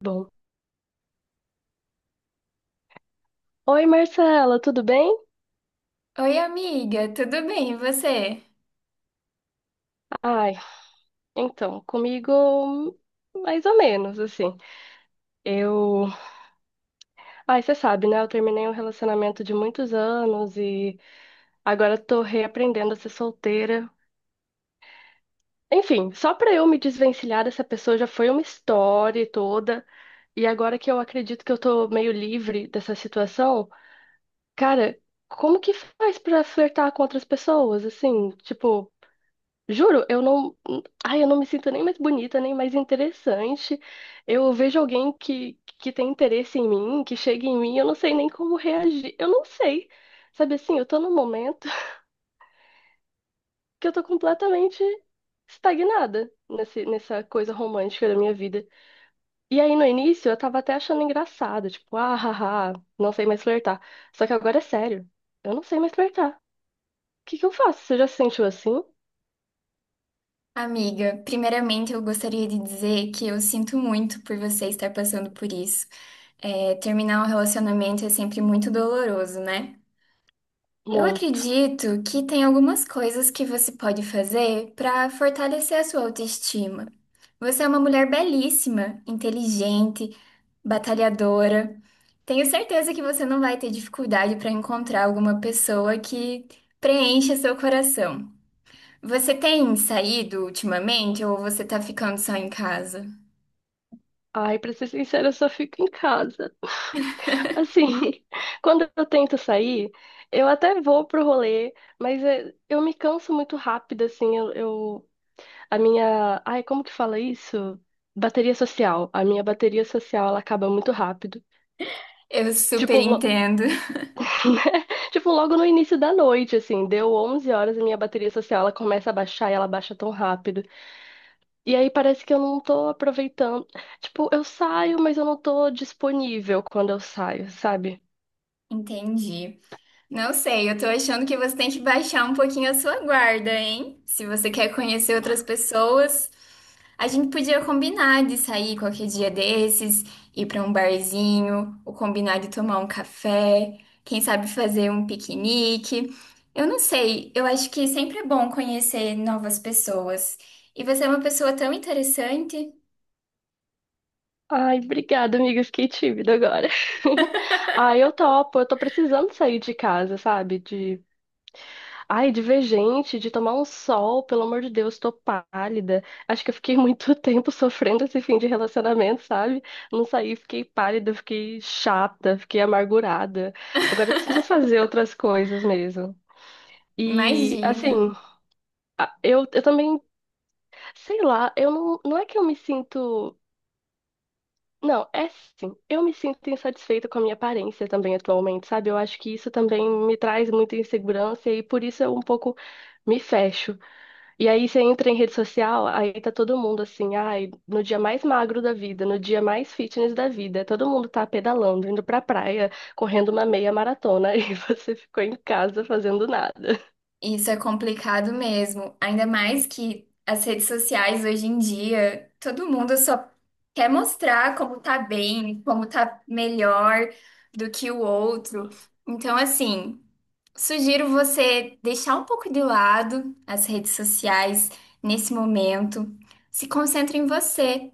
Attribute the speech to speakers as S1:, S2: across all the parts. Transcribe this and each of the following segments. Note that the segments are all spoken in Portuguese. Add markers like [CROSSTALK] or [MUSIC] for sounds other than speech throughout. S1: Bom. Oi, Marcela, tudo bem?
S2: Oi, amiga, tudo bem? E você?
S1: Ai, então, comigo mais ou menos, assim. Eu, Ai, você sabe, né? Eu terminei um relacionamento de muitos anos e agora tô reaprendendo a ser solteira. Enfim, só pra eu me desvencilhar dessa pessoa já foi uma história e toda. E agora que eu acredito que eu tô meio livre dessa situação, cara, como que faz pra flertar com outras pessoas, assim? Tipo, juro, eu não. Ai, eu não me sinto nem mais bonita, nem mais interessante. Eu vejo alguém que tem interesse em mim, que chega em mim, eu não sei nem como reagir. Eu não sei. Sabe assim, eu tô num momento [LAUGHS] que eu tô completamente estagnada nessa coisa romântica da minha vida. E aí, no início, eu tava até achando engraçado, tipo, ah, haha, não sei mais flertar. Só que agora é sério, eu não sei mais flertar. O que que eu faço? Você já se sentiu assim?
S2: Amiga, primeiramente eu gostaria de dizer que eu sinto muito por você estar passando por isso. É, terminar um relacionamento é sempre muito doloroso, né? Eu
S1: Muito.
S2: acredito que tem algumas coisas que você pode fazer para fortalecer a sua autoestima. Você é uma mulher belíssima, inteligente, batalhadora. Tenho certeza que você não vai ter dificuldade para encontrar alguma pessoa que preencha seu coração. Você tem saído ultimamente ou você tá ficando só em casa?
S1: Ai, pra ser sincera, eu só fico em casa. Assim, [LAUGHS] quando eu tento sair, eu até vou pro rolê, mas é, eu me canso muito rápido, assim, ai, como que fala isso? Bateria social. A minha bateria social, ela acaba muito rápido.
S2: Eu
S1: Tipo,
S2: super entendo.
S1: [LAUGHS] Tipo, logo no início da noite, assim, deu 11 horas, a minha bateria social, ela começa a baixar e ela baixa tão rápido. E aí parece que eu não tô aproveitando. Tipo, eu saio, mas eu não tô disponível quando eu saio, sabe?
S2: [LAUGHS] Entendi. Não sei, eu tô achando que você tem que baixar um pouquinho a sua guarda, hein? Se você quer conhecer outras pessoas, a gente podia combinar de sair qualquer dia desses, ir pra um barzinho, ou combinar de tomar um café, quem sabe fazer um piquenique. Eu não sei, eu acho que sempre é bom conhecer novas pessoas. E você é uma pessoa tão interessante.
S1: Ai, obrigada, amiga. Fiquei tímida agora. [LAUGHS] Ai, eu topo. Eu tô precisando sair de casa, sabe? De ver gente, de tomar um sol. Pelo amor de Deus, tô pálida. Acho que eu fiquei muito [LAUGHS] tempo sofrendo esse fim de relacionamento, sabe? Não saí, fiquei pálida, fiquei chata, fiquei amargurada. Agora eu preciso fazer outras coisas mesmo. E,
S2: Imagina.
S1: assim, eu também, sei lá, eu não é que eu me sinto. Não, é sim. Eu me sinto insatisfeita com a minha aparência também atualmente, sabe? Eu acho que isso também me traz muita insegurança e por isso eu um pouco me fecho. E aí você entra em rede social, aí tá todo mundo assim, ai, no dia mais magro da vida, no dia mais fitness da vida, todo mundo tá pedalando, indo pra praia, correndo uma meia maratona [LAUGHS] e você ficou em casa fazendo nada.
S2: Isso é complicado mesmo. Ainda mais que as redes sociais hoje em dia, todo mundo só quer mostrar como tá bem, como tá melhor do que o outro. Então, assim, sugiro você deixar um pouco de lado as redes sociais nesse momento. Se concentre em você.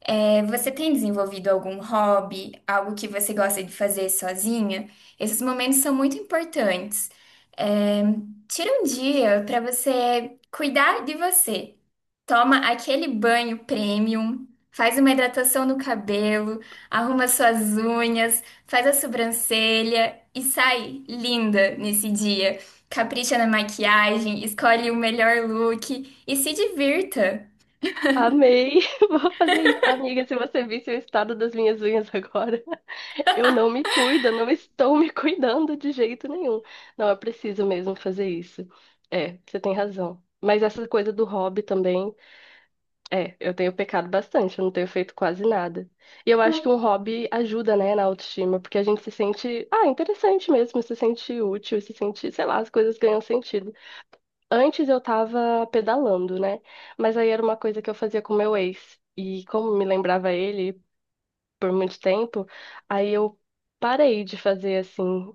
S2: É, você tem desenvolvido algum hobby, algo que você gosta de fazer sozinha? Esses momentos são muito importantes. É, tira um dia para você cuidar de você. Toma aquele banho premium, faz uma hidratação no cabelo, arruma suas unhas, faz a sobrancelha e sai linda nesse dia. Capricha na maquiagem, escolhe o melhor look e se divirta.
S1: Amei, [LAUGHS] vou fazer isso. Amiga, se você visse o estado das minhas unhas agora. Eu não me cuido, não estou me [LAUGHS] cuidando de jeito nenhum. Não, é preciso mesmo fazer isso. É, você tem razão. Mas essa coisa do hobby também, é, eu tenho pecado bastante, eu não tenho feito quase nada. E eu acho que um hobby ajuda, né, na autoestima, porque a gente se sente, ah, interessante mesmo, se sente útil, se sente, sei lá, as coisas ganham sentido. Antes eu tava pedalando, né? Mas aí era uma coisa que eu fazia com meu ex. E como me lembrava ele, por muito tempo, aí eu parei de fazer assim.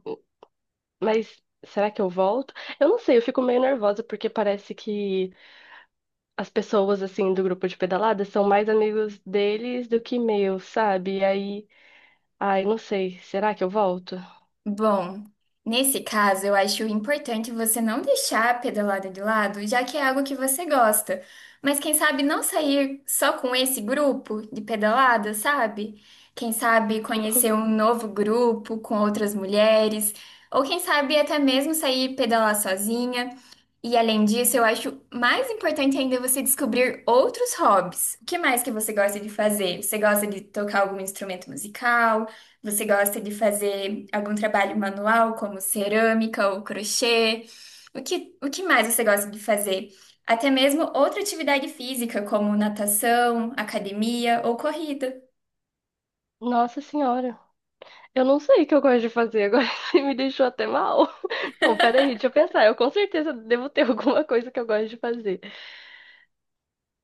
S1: Mas será que eu volto? Eu não sei, eu fico meio nervosa porque parece que as pessoas assim do grupo de pedalada são mais amigos deles do que meus, sabe? E aí, ai, não sei, será que eu volto?
S2: Bom, nesse caso, eu acho importante você não deixar a pedalada de lado, já que é algo que você gosta. Mas quem sabe não sair só com esse grupo de pedalada, sabe? Quem sabe conhecer um
S1: [LAUGHS]
S2: novo grupo com outras mulheres, ou quem sabe até mesmo sair pedalar sozinha. E além disso, eu acho mais importante ainda você descobrir outros hobbies. O que mais que você gosta de fazer? Você gosta de tocar algum instrumento musical? Você gosta de fazer algum trabalho manual, como cerâmica ou crochê? O que mais você gosta de fazer? Até mesmo outra atividade física, como natação, academia ou corrida.
S1: Nossa senhora, eu não sei o que eu gosto de fazer agora, [LAUGHS] você me deixou até mal. [LAUGHS] Não, peraí, deixa eu pensar. Eu com certeza devo ter [LAUGHS] alguma coisa que eu gosto de fazer.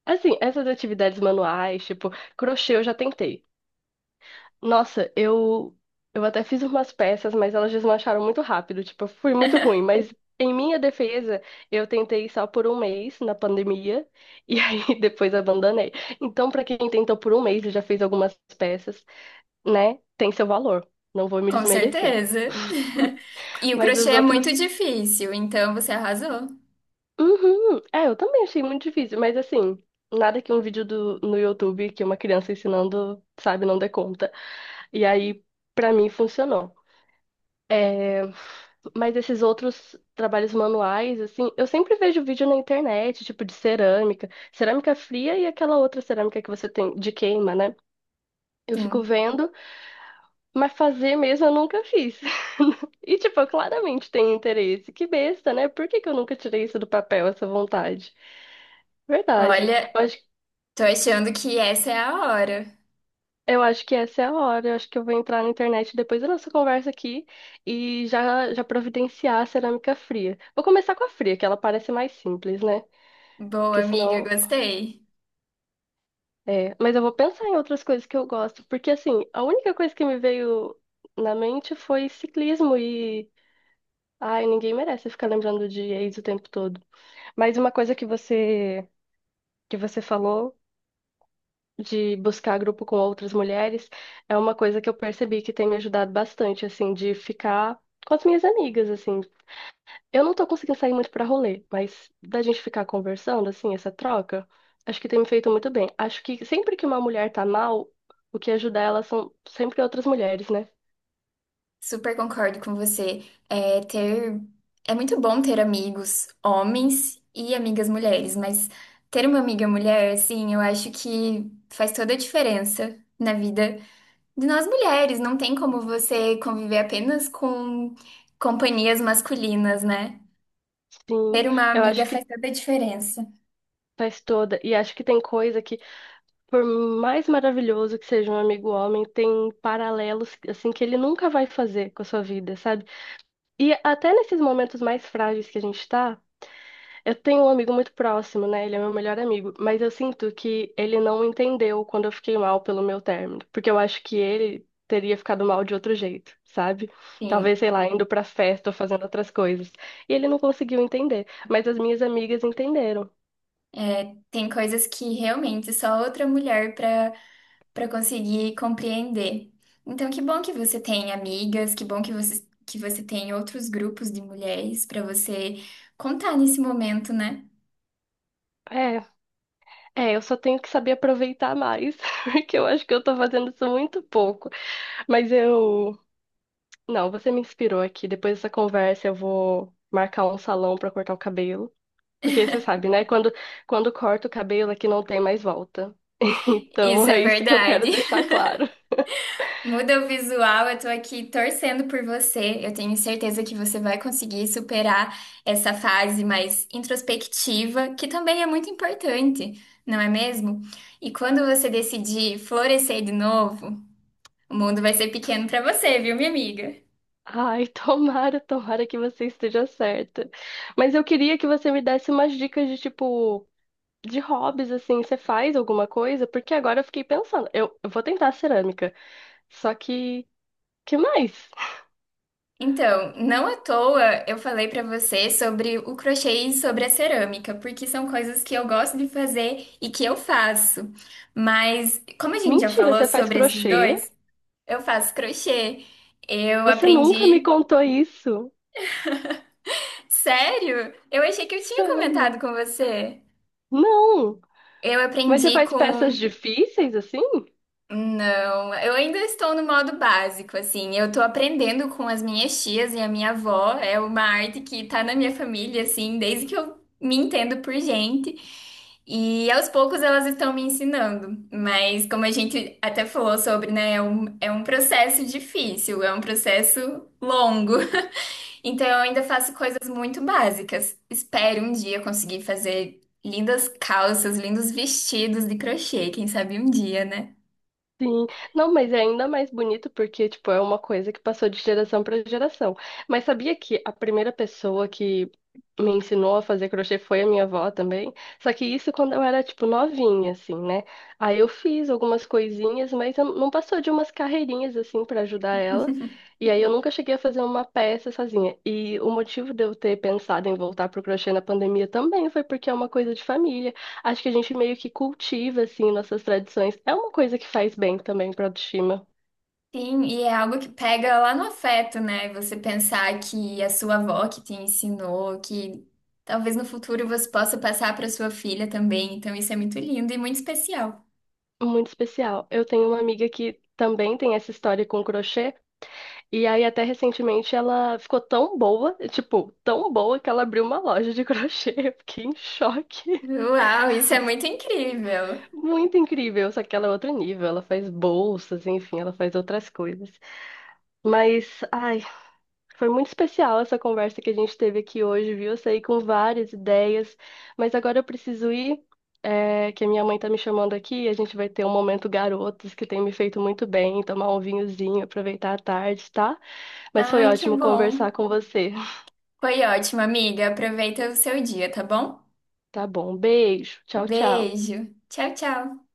S1: Assim, essas atividades manuais, tipo, crochê eu já tentei. Nossa, eu até fiz umas peças, mas elas desmancharam muito rápido, tipo, eu fui muito ruim, mas em minha defesa, eu tentei só por um mês na pandemia e [LAUGHS] aí depois abandonei. Então, pra quem tentou por um mês e já fez algumas peças, né, tem seu valor. Não vou me
S2: Com
S1: desmerecer.
S2: certeza. [LAUGHS]
S1: [LAUGHS]
S2: E o
S1: Mas
S2: crochê
S1: os
S2: é muito
S1: outros.
S2: difícil, então você arrasou.
S1: Uhum. É, eu também achei muito difícil, mas assim, nada que um vídeo no YouTube que uma criança ensinando, sabe, não dê conta. E aí, pra mim, funcionou. É, mas esses outros trabalhos manuais, assim, eu sempre vejo vídeo na internet, tipo de cerâmica, cerâmica fria e aquela outra cerâmica que você tem de queima, né? Eu fico
S2: Sim.
S1: vendo, mas fazer mesmo eu nunca fiz. [LAUGHS] E, tipo, eu claramente tenho interesse. Que besta, né? Por que que eu nunca tirei isso do papel, essa vontade? Verdade.
S2: Olha,
S1: Eu acho,
S2: tô achando que essa é a hora.
S1: eu acho que essa é a hora. Eu acho que eu vou entrar na internet depois da nossa conversa aqui e já, já providenciar a cerâmica fria. Vou começar com a fria, que ela parece mais simples, né?
S2: Boa,
S1: Porque
S2: amiga,
S1: senão.
S2: gostei.
S1: É. Mas eu vou pensar em outras coisas que eu gosto. Porque assim, a única coisa que me veio na mente foi ciclismo e. Ai, ninguém merece ficar lembrando de ex o tempo todo. Mas uma coisa que você falou de buscar grupo com outras mulheres é uma coisa que eu percebi que tem me ajudado bastante, assim, de ficar com as minhas amigas, assim. Eu não tô conseguindo sair muito pra rolê, mas da gente ficar conversando, assim, essa troca, acho que tem me feito muito bem. Acho que sempre que uma mulher tá mal, o que ajuda ela são sempre outras mulheres, né?
S2: Super concordo com você. É, ter... é muito bom ter amigos homens e amigas mulheres, mas ter uma amiga mulher, assim, eu acho que faz toda a diferença na vida de nós mulheres. Não tem como você conviver apenas com companhias masculinas, né?
S1: Sim,
S2: Ter uma
S1: eu
S2: amiga
S1: acho que
S2: faz toda a diferença.
S1: faz toda. E acho que tem coisa que, por mais maravilhoso que seja um amigo homem, tem paralelos, assim, que ele nunca vai fazer com a sua vida, sabe? E até nesses momentos mais frágeis que a gente tá. Eu tenho um amigo muito próximo, né? Ele é meu melhor amigo, mas eu sinto que ele não entendeu quando eu fiquei mal pelo meu término, porque eu acho que ele teria ficado mal de outro jeito, sabe?
S2: Sim,
S1: Talvez, sei lá, indo pra festa ou fazendo outras coisas. E ele não conseguiu entender, mas as minhas amigas entenderam.
S2: tem coisas que realmente só outra mulher para conseguir compreender. Então, que bom que você tem amigas, que bom que você tem outros grupos de mulheres para você contar nesse momento, né?
S1: É, é, eu só tenho que saber aproveitar mais, [LAUGHS] porque eu acho que eu tô fazendo isso muito pouco. Mas eu. Não, você me inspirou aqui. Depois dessa conversa, eu vou marcar um salão pra cortar o cabelo. Porque você sabe, né? Quando corta o cabelo aqui não tem mais volta. [LAUGHS] Então
S2: Isso
S1: é
S2: é
S1: isso que eu quero
S2: verdade.
S1: deixar
S2: [LAUGHS]
S1: claro.
S2: Muda o visual, eu tô aqui torcendo por você. Eu tenho certeza que você vai conseguir superar essa fase mais introspectiva, que também é muito importante, não é mesmo? E quando você decidir florescer de novo, o mundo vai ser pequeno para você, viu, minha amiga?
S1: Ai, tomara, tomara que você esteja certa. Mas eu queria que você me desse umas dicas de tipo, de hobbies, assim, você faz alguma coisa? Porque agora eu fiquei pensando, eu vou tentar cerâmica. Só que mais?
S2: Então, não à toa eu falei pra você sobre o crochê e sobre a cerâmica, porque são coisas que eu gosto de fazer e que eu faço. Mas, como a gente já
S1: Mentira,
S2: falou
S1: você faz
S2: sobre esses
S1: crochê?
S2: dois, eu faço crochê. Eu
S1: Você nunca me
S2: aprendi.
S1: contou isso.
S2: Sério? Eu achei que eu tinha
S1: Sério?
S2: comentado com você.
S1: Não.
S2: Eu
S1: Mas você
S2: aprendi
S1: faz peças
S2: com
S1: difíceis assim?
S2: Não, eu ainda estou no modo básico, assim. Eu tô aprendendo com as minhas tias e a minha avó. É uma arte que tá na minha família, assim, desde que eu me entendo por gente. E aos poucos elas estão me ensinando. Mas como a gente até falou sobre, né, é um processo difícil, é um processo longo. [LAUGHS] Então eu ainda faço coisas muito básicas. Espero um dia conseguir fazer lindas calças, lindos vestidos de crochê, quem sabe um dia, né?
S1: Sim, não, mas é ainda mais bonito porque, tipo, é uma coisa que passou de geração para geração. Mas sabia que a primeira pessoa que me ensinou a fazer crochê foi a minha avó também? Só que isso quando eu era, tipo, novinha, assim, né? Aí eu fiz algumas coisinhas, mas eu não passou de umas carreirinhas, assim, para ajudar ela. E aí eu nunca cheguei a fazer uma peça sozinha. E o motivo de eu ter pensado em voltar pro crochê na pandemia também foi porque é uma coisa de família. Acho que a gente meio que cultiva, assim, nossas tradições. É uma coisa que faz bem também pra autoestima.
S2: Sim, e é algo que pega lá no afeto, né? Você pensar que a sua avó que te ensinou, que talvez no futuro você possa passar para sua filha também. Então isso é muito lindo e muito especial.
S1: Muito especial. Eu tenho uma amiga que também tem essa história com crochê. E aí, até recentemente, ela ficou tão boa, tipo, tão boa que ela abriu uma loja de [LAUGHS] crochê. Eu fiquei em choque.
S2: Uau, isso é muito incrível.
S1: Muito incrível. Só que ela é outro nível. Ela faz bolsas, enfim, ela faz outras coisas. Mas, ai, Foi muito especial essa conversa que a gente teve aqui hoje, viu? Eu saí com várias ideias, mas agora eu preciso ir, é, que a minha mãe tá me chamando aqui, e a gente vai ter um momento garotos que tem me feito muito bem, tomar um vinhozinho, aproveitar a tarde, tá? Mas foi
S2: Ai, que
S1: ótimo
S2: bom.
S1: conversar com você.
S2: Foi ótimo, amiga. Aproveita o seu dia, tá bom?
S1: Tá bom, beijo, tchau, tchau.
S2: Beijo. Tchau, tchau.